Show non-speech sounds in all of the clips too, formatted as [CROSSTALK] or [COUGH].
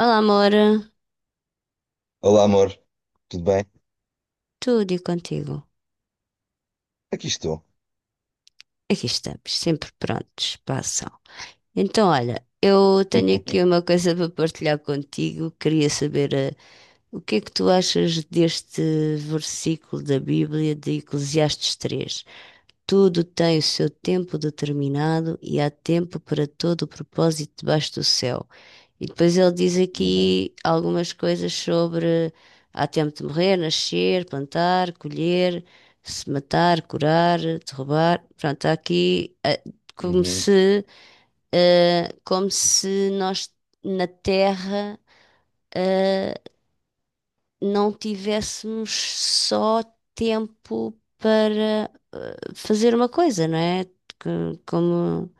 Olá, amor, Olá, amor, tudo bem? tudo e contigo? Aqui estou. Aqui estamos, sempre prontos para a ação. Então, olha, eu tenho aqui uma [LAUGHS] coisa para partilhar contigo. Queria saber, o que é que tu achas deste versículo da Bíblia de Eclesiastes 3? Tudo tem o seu tempo determinado e há tempo para todo o propósito debaixo do céu. E depois ele diz Uhum, aqui algumas coisas sobre há tempo de morrer, nascer, plantar, colher, se matar, curar, derrubar. Pronto, há aqui como uhum. se, como se nós na Terra, eh, não tivéssemos só tempo para fazer uma coisa, não é? Como,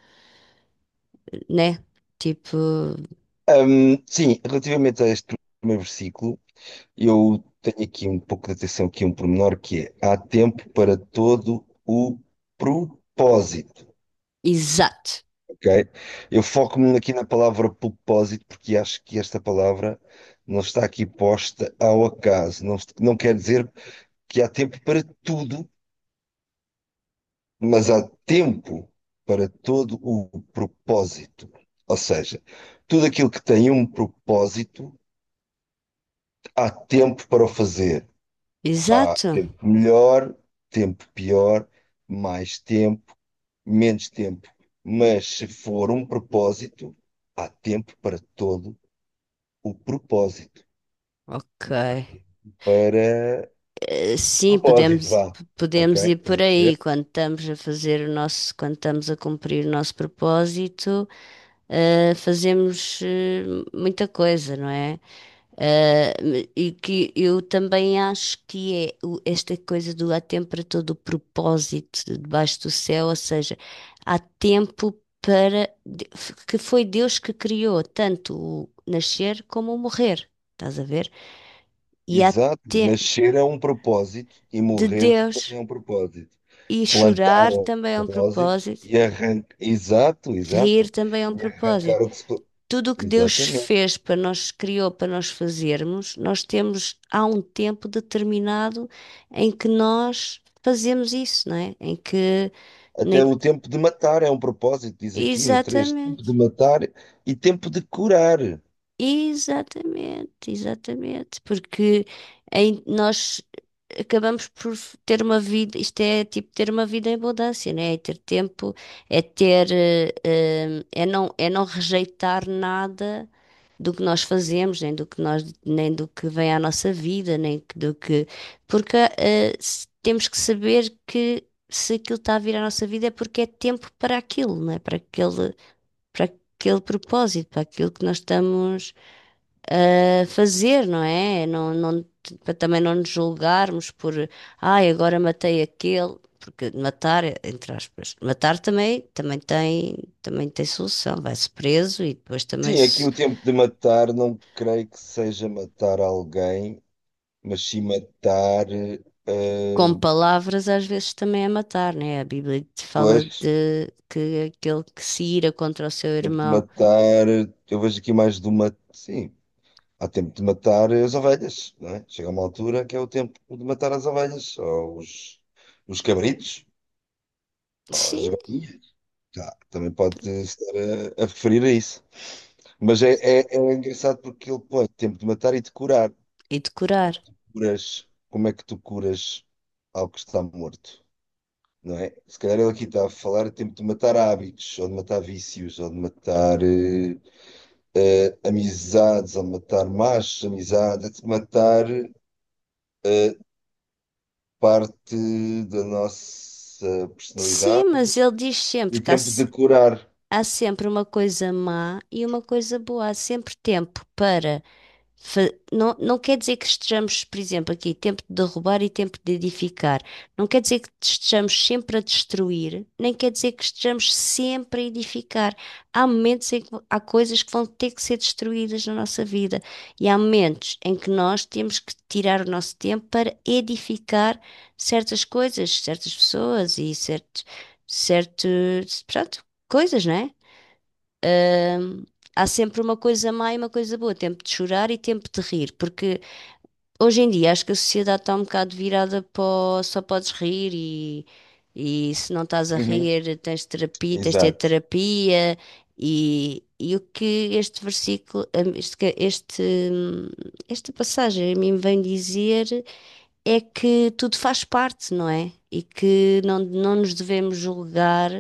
né? Tipo, Sim, relativamente a este primeiro versículo, eu tenho aqui um pouco de atenção, aqui um pormenor que é há tempo para todo o propósito, exato, ok? Eu foco-me aqui na palavra propósito porque acho que esta palavra não está aqui posta ao acaso. Não, não quer dizer que há tempo para tudo mas há tempo para todo o propósito. Ou seja, tudo aquilo que tem um propósito, há tempo para o fazer. Há exato. tempo melhor, tempo pior, mais tempo, menos tempo. Mas se for um propósito, há tempo para todo o propósito. Ok. Para Sim, propósito, vá. Ok? podemos ir Estás por a aí perceber? quando estamos a fazer o nosso, quando estamos a cumprir o nosso propósito, fazemos muita coisa, não é? E que eu também acho que esta coisa do há tempo para todo o propósito debaixo do céu, ou seja, há tempo para que foi Deus que criou tanto o nascer como o morrer, estás a ver? E há Exato. tempo Nascer é um propósito e de morrer Deus também é um propósito. e Plantar chorar o também é um depósito propósito, e arrancar. Exato, rir exato. também é um E propósito. arrancar o que se Tudo o que Deus exatamente. fez para nós, criou para nós fazermos, nós temos há um tempo determinado em que nós fazemos isso, não é? Em que Até nem- o tempo de matar é um propósito, diz aqui no três. Tempo exatamente, de matar e tempo de curar. exatamente, exatamente, porque nós acabamos por ter uma vida, isto é tipo ter uma vida em abundância, não é? É ter tempo, é ter, é não rejeitar nada do que nós fazemos, nem do que nós, nem do que vem à nossa vida, nem do que. Porque temos que saber que se aquilo está a vir à nossa vida é porque é tempo para aquilo, não é? Para aquele propósito, para aquilo que nós estamos a fazer, não é? Não, para também não nos julgarmos por, ai, agora matei aquele. Porque matar, entre aspas, matar também, também tem solução. Vai-se preso e depois também Sim, aqui se. o tempo de matar não creio que seja matar alguém, mas sim matar. Com eh, palavras às vezes também é matar, né? A Bíblia te fala Pois, de que aquele que se ira contra o seu tempo de irmão, matar. Eu vejo aqui mais do matar. Sim, há tempo de matar as ovelhas, não é? Chega uma altura que é o tempo de matar as ovelhas, ou os cabritos, ou as sim, galinhas. Tá, também pode estar a referir a isso. Mas é engraçado porque ele põe tempo de matar e de curar. e decorar. Curas, como é que tu curas algo que está morto, não é? Se calhar ele aqui está a falar de tempo de matar hábitos, ou de matar vícios, ou de matar amizades, ou de matar más amizades, de matar eh, parte da nossa Sim, personalidade mas ele diz sempre e que há, tempo se- de curar. há sempre uma coisa má e uma coisa boa, há sempre tempo para. Não, não quer dizer que estejamos, por exemplo, aqui, tempo de derrubar e tempo de edificar. Não quer dizer que estejamos sempre a destruir, nem quer dizer que estejamos sempre a edificar. Há momentos em que há coisas que vão ter que ser destruídas na nossa vida e há momentos em que nós temos que tirar o nosso tempo para edificar certas coisas, certas pessoas e certos, certos, pronto, coisas, né. Hum, há sempre uma coisa má e uma coisa boa, tempo de chorar e tempo de rir, porque hoje em dia acho que a sociedade está um bocado virada para o só podes rir e se não estás a Uhum. rir tens terapia, tens de ter Exato, terapia e o que este versículo, hum, esta passagem a mim vem dizer é que tudo faz parte, não é? E que não, não nos devemos julgar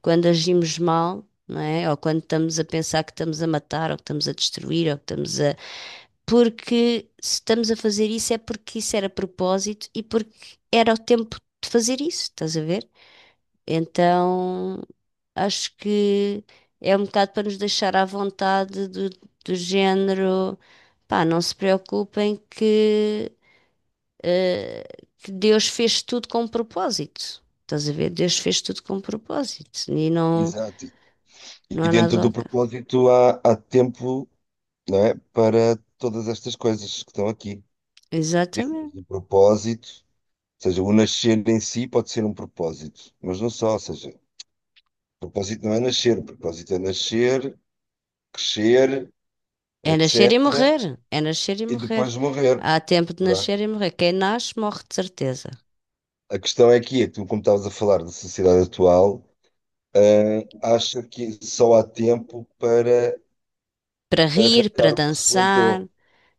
quando agimos mal, não é? Ou quando estamos a pensar que estamos a matar, ou que estamos a destruir, ou que estamos a. Porque se estamos a fazer isso é porque isso era propósito e porque era o tempo de fazer isso, estás a ver? Então acho que é um bocado para nos deixar à vontade do, do género. Pá, não se preocupem que eh, que Deus fez tudo com propósito. Estás a ver? Deus fez tudo com propósito. E não, exato. não E há dentro nada. do propósito há tempo, não é, para todas estas coisas que estão aqui. Dentro Exatamente. do propósito, ou seja, o nascer em si pode ser um propósito, mas não só, ou seja, o propósito não é nascer, o propósito é nascer, crescer, É nascer e etc. morrer. É nascer e E morrer. depois morrer. Há tempo de nascer Pronto. e morrer. Quem nasce, morre de certeza. A questão é que, é, tu, como estavas a falar da sociedade atual, ah, acha que só há tempo para Para rir, para ficar o que se dançar, plantou,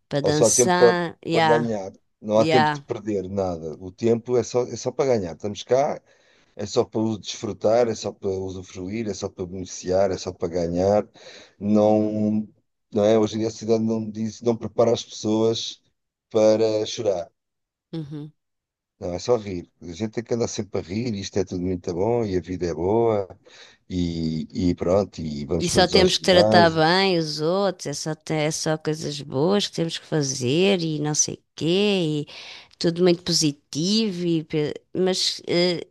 para ou só há tempo para, dançar. para Ya, ganhar. Não há tempo de ya. perder nada. O tempo é só para ganhar. Estamos cá, é só para o desfrutar, é só para usufruir, é só para beneficiar, é só para ganhar. Não, não é? Hoje em dia a sociedade não diz, não prepara as pessoas para chorar. Uhum. Não, é só rir. A gente tem que andar sempre a rir, isto é tudo muito bom e a vida é boa e pronto, e E vamos só todos ao temos que tratar ginásio. bem os outros. É só, é só coisas boas que temos que fazer e não sei o quê. Tudo muito positivo, e mas eh,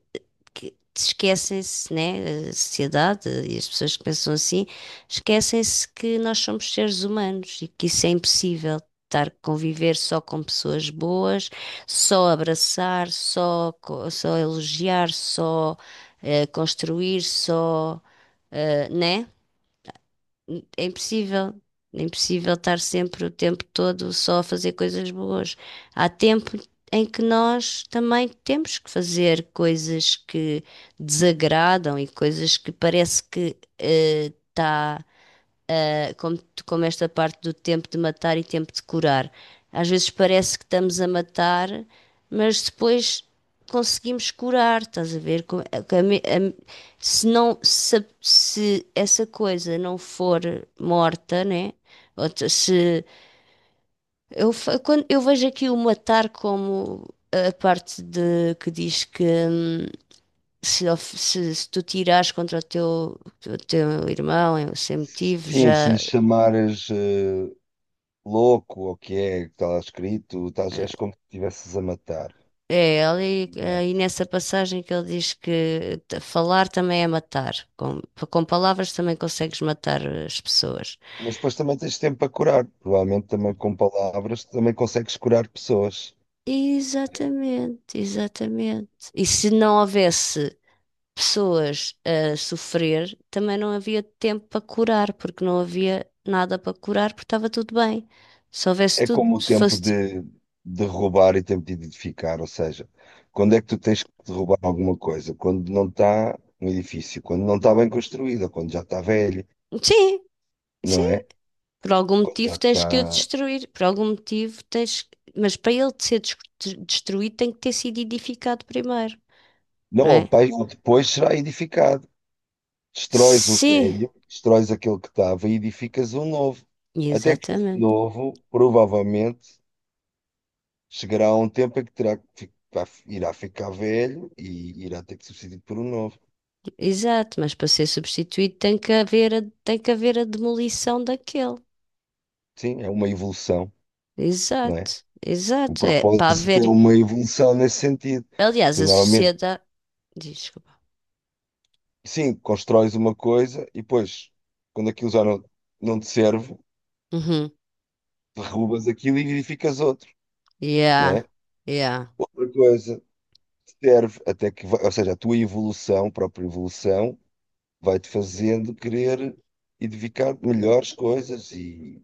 que- esquecem-se, né? A sociedade e as pessoas que pensam assim, esquecem-se que nós somos seres humanos e que isso é impossível. Estar a conviver só com pessoas boas, só abraçar, só elogiar, só construir, só, né? É impossível. É impossível estar sempre o tempo todo só a fazer coisas boas. Há tempo em que nós também temos que fazer coisas que desagradam e coisas que parece que está como, como esta parte do tempo de matar e tempo de curar. Às vezes parece que estamos a matar, mas depois conseguimos curar, estás a ver? Se não, se essa coisa não for morta, né? Se quando eu vejo aqui o matar como a parte de que diz que se, of- se- se tu tirares contra o teu irmão sem motivo, Sim, se já lhe chamares louco ou o que é que está lá escrito, estás, eh, és como se estivesses a matar. é, Exato. nessa passagem que ele diz que falar também é matar. Com palavras também consegues matar as pessoas. Mas depois também tens tempo para curar. Provavelmente também com palavras também consegues curar pessoas. Exatamente, exatamente. E se não houvesse pessoas a sofrer, também não havia tempo para curar, porque não havia nada para curar, porque estava tudo bem. Se houvesse É tudo, como o se tempo fosse tipo. De roubar e tempo de edificar. Ou seja, quando é que tu tens que derrubar alguma coisa? Quando não está um edifício, quando não está bem construído, ou quando já está velho, Sim, não sim, é? por algum Quando já motivo tens que o está. destruir, por algum motivo tens. Mas para ele ser destruído tem que ter sido edificado primeiro, Não, não ou é? pai- ou depois será edificado. Destróis o Sim, velho, destróis aquele que estava e edificas um novo. Até que esse exatamente. novo, provavelmente, chegará a um tempo em que terá que irá ficar velho e irá ter que ser substituído por um novo. Exato, mas para ser substituído tem que haver a, tem que haver a demolição daquele. Sim, é uma evolução, não é? Exato, O exato. É para propósito é haver. uma evolução nesse sentido. Aliás, Tu a normalmente, sociedade. Desculpa. sim, constróis uma coisa e depois, quando aquilo já não, não te serve, Uhum. derrubas aquilo e edificas outro, não Yeah, é? yeah. Outra coisa. Serve até que, ou seja, a tua evolução, a própria evolução, vai-te fazendo querer edificar melhores coisas e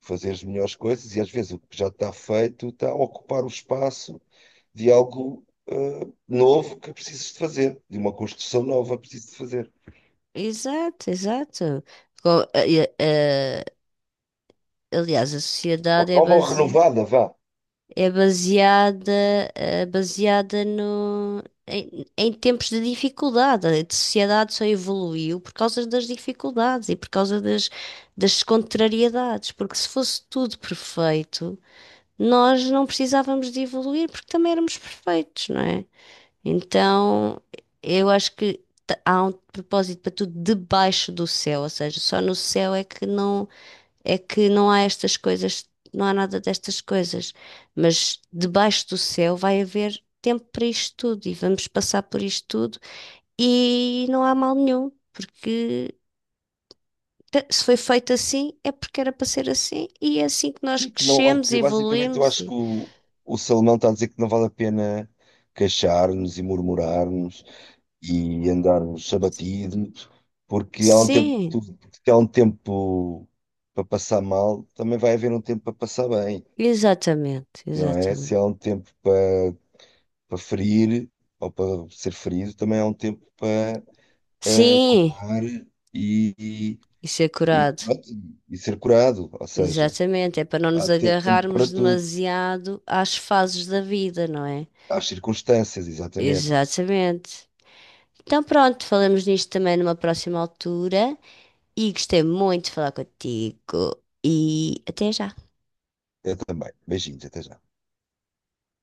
fazer as melhores coisas, e às vezes o que já está feito está a ocupar o espaço de algo novo que precisas de fazer, de uma construção nova que precisas de fazer. Exato, exato. Co- eh, eh, Aliás, a Ou sociedade é nova ou baseada. renovada, vá. É baseada, baseada no, em, em tempos de dificuldade. A sociedade só evoluiu por causa das dificuldades e por causa das, das contrariedades. Porque se fosse tudo perfeito, nós não precisávamos de evoluir porque também éramos perfeitos, não é? Então, eu acho que há um propósito para tudo debaixo do céu. Ou seja, só no céu é que não. É que não há estas coisas, não há nada destas coisas, mas debaixo do céu vai haver tempo para isto tudo e vamos passar por isto tudo e não há mal nenhum, porque se foi feito assim é porque era para ser assim e é assim que nós Sim, que não há crescemos e que, basicamente, eu evoluímos acho e... que o Salomão está a dizer que não vale a pena queixar-nos e murmurar-nos e andarmos abatidos, porque há um tempo, Sim, porque há um tempo para passar mal, também vai haver um tempo para passar bem, exatamente, não é? Se exatamente. há um tempo para, para ferir ou para ser ferido, também há um tempo para Sim, curar e, e, isso é e curado. pronto, e ser curado, ou seja, Exatamente, é para não há nos tempo para agarrarmos tudo, demasiado às fases da vida, não é? há circunstâncias, exatamente. Exatamente. Então pronto, falamos nisto também numa próxima altura e gostei muito de falar contigo e até já. Eu também. Beijinhos, até já.